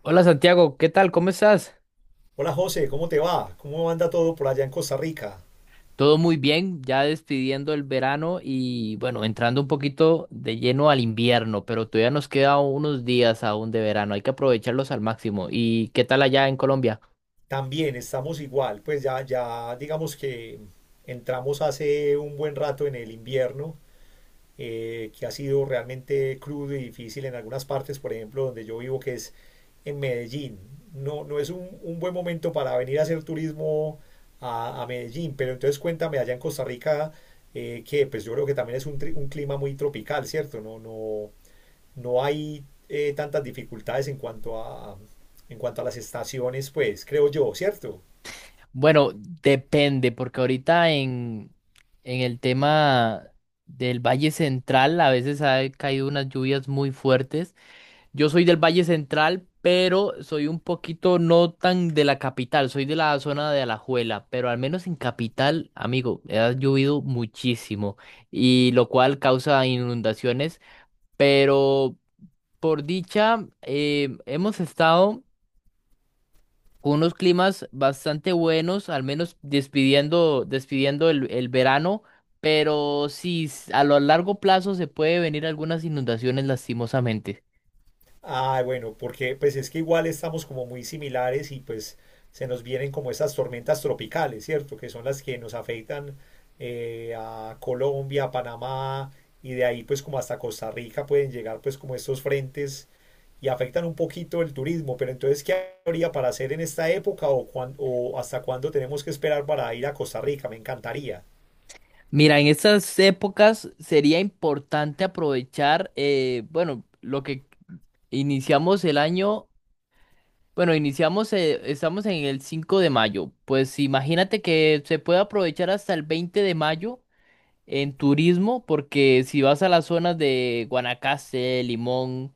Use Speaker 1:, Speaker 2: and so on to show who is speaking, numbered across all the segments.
Speaker 1: Hola Santiago, ¿qué tal? ¿Cómo estás?
Speaker 2: Hola José, ¿cómo te va? ¿Cómo anda todo por allá en Costa Rica?
Speaker 1: Todo muy bien, ya despidiendo el verano y bueno, entrando un poquito de lleno al invierno, pero todavía nos quedan unos días aún de verano, hay que aprovecharlos al máximo. ¿Y qué tal allá en Colombia?
Speaker 2: También estamos igual, pues ya digamos que entramos hace un buen rato en el invierno, que ha sido realmente crudo y difícil en algunas partes, por ejemplo, donde yo vivo, que es en Medellín. No, no es un buen momento para venir a hacer turismo a Medellín, pero entonces cuéntame allá en Costa Rica, que pues yo creo que también es un, un clima muy tropical, ¿cierto? No, no, no hay tantas dificultades en cuanto a las estaciones, pues creo yo, ¿cierto?
Speaker 1: Bueno, depende, porque ahorita en el tema del Valle Central a veces ha caído unas lluvias muy fuertes. Yo soy del Valle Central, pero soy un poquito no tan de la capital, soy de la zona de Alajuela, pero al menos en capital, amigo, ha llovido muchísimo y lo cual causa inundaciones, pero por dicha hemos estado con unos climas bastante buenos, al menos despidiendo el verano, pero sí, a lo largo plazo se puede venir algunas inundaciones lastimosamente.
Speaker 2: Ah, bueno, porque pues es que igual estamos como muy similares y pues se nos vienen como esas tormentas tropicales, ¿cierto? Que son las que nos afectan a Colombia, a Panamá y de ahí pues como hasta Costa Rica pueden llegar pues como estos frentes y afectan un poquito el turismo, pero entonces ¿qué habría para hacer en esta época o, o hasta cuándo tenemos que esperar para ir a Costa Rica? Me encantaría.
Speaker 1: Mira, en estas épocas sería importante aprovechar, bueno, lo que iniciamos el año, bueno, iniciamos, estamos en el 5 de mayo, pues imagínate que se puede aprovechar hasta el 20 de mayo en turismo, porque si vas a las zonas de Guanacaste, Limón,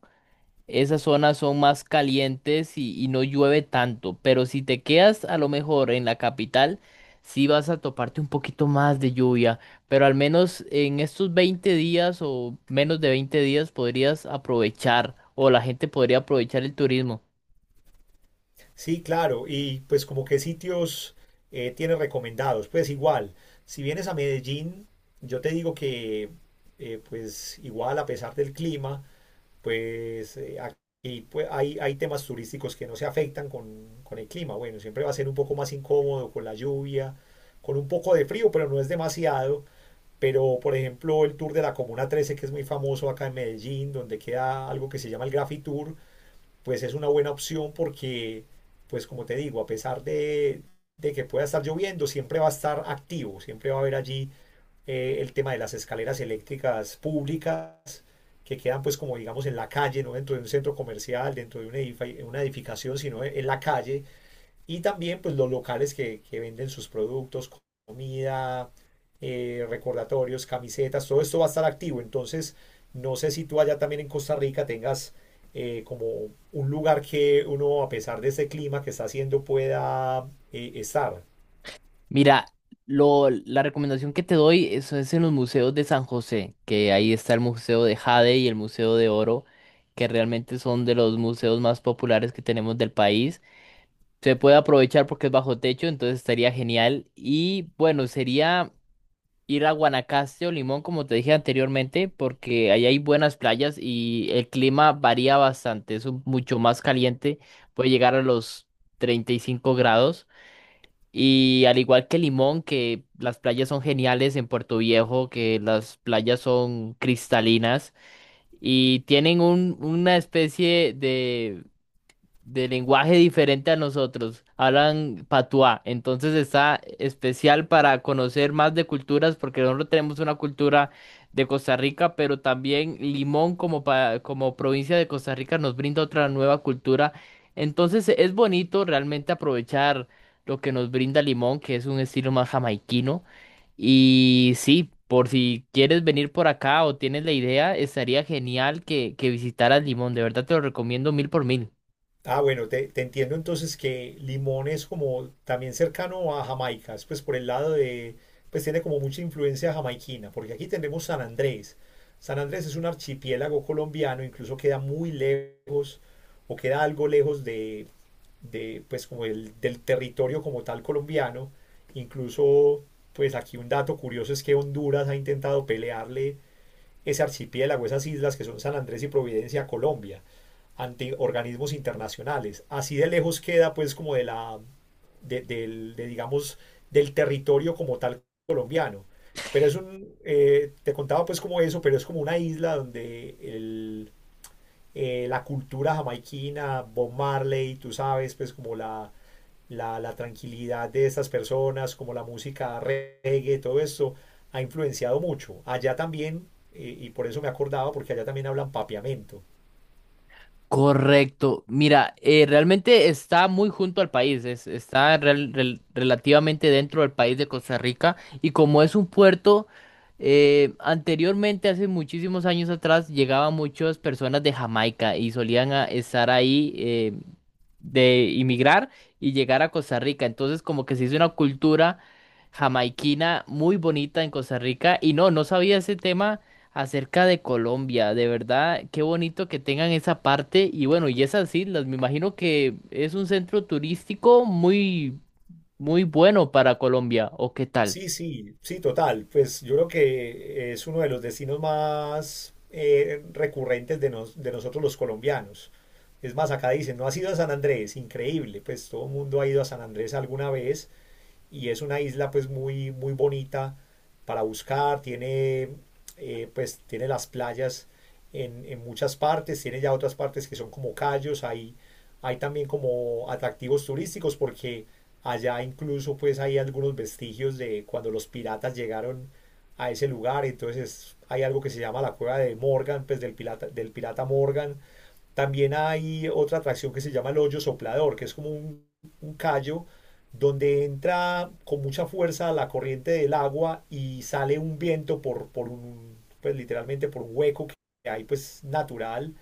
Speaker 1: esas zonas son más calientes y no llueve tanto, pero si te quedas a lo mejor en la capital, sí vas a toparte un poquito más de lluvia, pero al menos en estos 20 días o menos de 20 días podrías aprovechar o la gente podría aprovechar el turismo.
Speaker 2: Sí, claro, y pues como qué sitios tienes recomendados, pues igual, si vienes a Medellín, yo te digo que pues igual a pesar del clima, pues aquí pues, hay temas turísticos que no se afectan con el clima, bueno, siempre va a ser un poco más incómodo con la lluvia, con un poco de frío, pero no es demasiado, pero por ejemplo el tour de la Comuna 13 que es muy famoso acá en Medellín, donde queda algo que se llama el Graffiti Tour, pues es una buena opción porque, pues como te digo, a pesar de que pueda estar lloviendo, siempre va a estar activo, siempre va a haber allí el tema de las escaleras eléctricas públicas que quedan pues como digamos en la calle, no dentro de un centro comercial, dentro de una, una edificación, sino en la calle, y también pues los locales que venden sus productos, comida, recordatorios, camisetas, todo esto va a estar activo. Entonces, no sé si tú allá también en Costa Rica tengas como un lugar que uno, a pesar de ese clima que está haciendo, pueda estar.
Speaker 1: Mira, la recomendación que te doy eso es en los museos de San José, que ahí está el Museo de Jade y el Museo de Oro, que realmente son de los museos más populares que tenemos del país. Se puede aprovechar porque es bajo techo, entonces estaría genial. Y bueno, sería ir a Guanacaste o Limón, como te dije anteriormente, porque ahí hay buenas playas y el clima varía bastante, mucho más caliente, puede llegar a los 35 grados. Y al igual que Limón, que las playas son geniales en Puerto Viejo, que las playas son cristalinas y tienen una especie de lenguaje diferente a nosotros. Hablan patuá. Entonces está especial para conocer más de culturas porque nosotros tenemos una cultura de Costa Rica, pero también Limón como, como provincia de Costa Rica nos brinda otra nueva cultura. Entonces es bonito realmente aprovechar lo que nos brinda Limón, que es un estilo más jamaiquino. Y sí. Por si quieres venir por acá o tienes la idea, estaría genial que visitaras Limón. De verdad te lo recomiendo mil por mil.
Speaker 2: Ah, bueno, te entiendo entonces que Limón es como también cercano a Jamaica, es pues por el lado de, pues tiene como mucha influencia jamaiquina, porque aquí tenemos San Andrés. San Andrés es un archipiélago colombiano, incluso queda muy lejos o queda algo lejos de pues como el, del territorio como tal colombiano. Incluso, pues aquí un dato curioso es que Honduras ha intentado pelearle ese archipiélago, esas islas que son San Andrés y Providencia, Colombia, ante organismos internacionales. Así de lejos queda pues como de la, de, del, de, digamos, del territorio como tal colombiano. Pero es un, te contaba pues como eso, pero es como una isla donde el, la cultura jamaiquina, Bob Marley, tú sabes, pues como la, la tranquilidad de estas personas, como la música reggae, todo esto, ha influenciado mucho. Allá también, y por eso me acordaba, porque allá también hablan papiamento.
Speaker 1: Correcto. Mira, realmente está muy junto al país, relativamente dentro del país de Costa Rica y como es un puerto, anteriormente, hace muchísimos años atrás, llegaban muchas personas de Jamaica y solían estar ahí. De inmigrar y llegar a Costa Rica. Entonces, como que se hizo una cultura jamaiquina muy bonita en Costa Rica. Y no, no sabía ese tema acerca de Colombia. De verdad, qué bonito que tengan esa parte. Y bueno, y esas islas, me imagino que es un centro turístico muy, muy bueno para Colombia. ¿O qué tal?
Speaker 2: Sí, sí, sí, total. Pues yo creo que es uno de los destinos más recurrentes de, de nosotros los colombianos. Es más, acá dicen, no has ido a San Andrés, increíble, pues todo el mundo ha ido a San Andrés alguna vez y es una isla pues muy, muy bonita para buscar, tiene pues tiene las playas en, muchas partes, tiene ya otras partes que son como callos, hay también como atractivos turísticos porque allá incluso pues hay algunos vestigios de cuando los piratas llegaron a ese lugar, entonces hay algo que se llama la cueva de Morgan, pues del pirata Morgan, también hay otra atracción que se llama el hoyo soplador, que es como un callo donde entra con mucha fuerza la corriente del agua y sale un viento por un, pues literalmente por un hueco que hay pues natural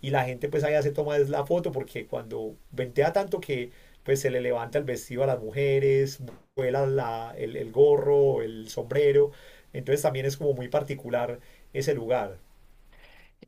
Speaker 2: y la gente pues allá se toma la foto porque cuando ventea tanto que pues se le levanta el vestido a las mujeres, vuela la, el gorro, el sombrero, entonces también es como muy particular ese lugar.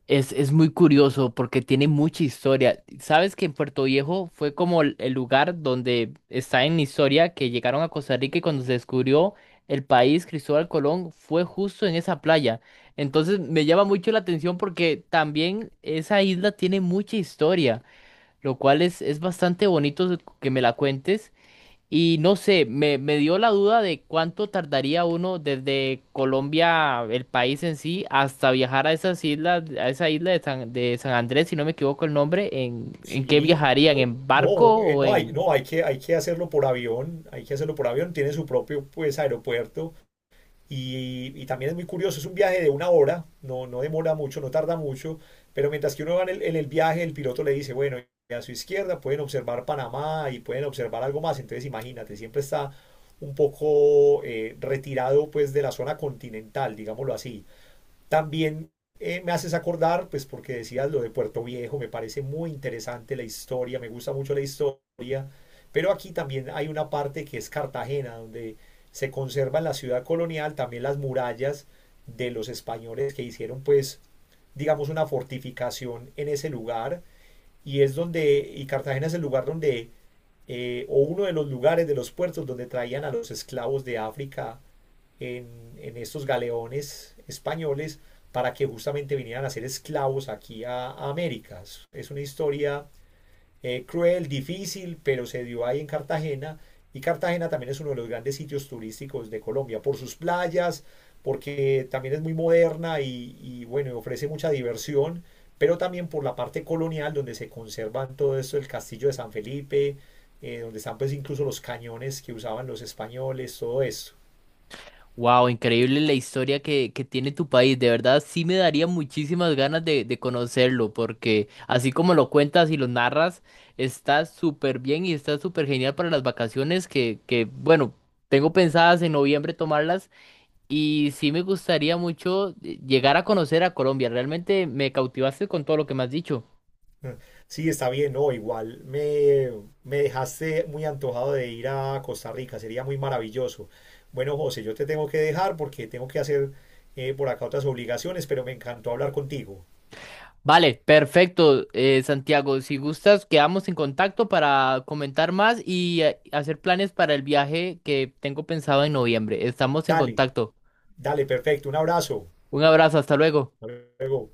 Speaker 1: Es muy curioso porque tiene mucha historia. ¿Sabes que en Puerto Viejo fue como el lugar donde está en historia que llegaron a Costa Rica y cuando se descubrió el país, Cristóbal Colón fue justo en esa playa? Entonces me llama mucho la atención porque también esa isla tiene mucha historia, lo cual es bastante bonito que me la cuentes. Y no sé, me dio la duda de cuánto tardaría uno desde Colombia, el país en sí, hasta viajar a esas islas, a esa isla de San Andrés, si no me equivoco el nombre, en qué
Speaker 2: Sí,
Speaker 1: viajarían,
Speaker 2: no,
Speaker 1: en
Speaker 2: no,
Speaker 1: barco o
Speaker 2: no hay,
Speaker 1: en...
Speaker 2: no, hay que hacerlo por avión, hay que hacerlo por avión, tiene su propio pues aeropuerto y también es muy curioso, es un viaje de una hora, no, no demora mucho, no tarda mucho, pero mientras que uno va en el viaje, el piloto le dice, bueno, y a su izquierda pueden observar Panamá y pueden observar algo más, entonces imagínate, siempre está un poco retirado pues de la zona continental, digámoslo así. También me haces acordar, pues porque decías lo de Puerto Viejo, me parece muy interesante la historia, me gusta mucho la historia, pero aquí también hay una parte que es Cartagena, donde se conserva en la ciudad colonial también las murallas de los españoles que hicieron pues digamos una fortificación en ese lugar y es donde y Cartagena es el lugar donde o uno de los lugares de los puertos donde traían a los esclavos de África en estos galeones españoles para que justamente vinieran a ser esclavos aquí a América. Es una historia cruel, difícil, pero se dio ahí en Cartagena. Y Cartagena también es uno de los grandes sitios turísticos de Colombia, por sus playas, porque también es muy moderna y bueno, ofrece mucha diversión, pero también por la parte colonial, donde se conservan todo esto, el castillo de San Felipe, donde están pues incluso los cañones que usaban los españoles, todo eso.
Speaker 1: Wow, increíble la historia que tiene tu país. De verdad, sí me daría muchísimas ganas de conocerlo, porque así como lo cuentas y lo narras, está súper bien y está súper genial para las vacaciones que, bueno, tengo pensadas en noviembre tomarlas. Y sí me gustaría mucho llegar a conocer a Colombia. Realmente me cautivaste con todo lo que me has dicho.
Speaker 2: Sí, está bien, no, igual me, me dejaste muy antojado de ir a Costa Rica, sería muy maravilloso. Bueno, José, yo te tengo que dejar porque tengo que hacer por acá otras obligaciones, pero me encantó hablar contigo.
Speaker 1: Vale, perfecto, Santiago. Si gustas, quedamos en contacto para comentar más y hacer planes para el viaje que tengo pensado en noviembre. Estamos en
Speaker 2: Dale,
Speaker 1: contacto.
Speaker 2: dale, perfecto, un abrazo.
Speaker 1: Un abrazo, hasta luego.
Speaker 2: Hasta luego.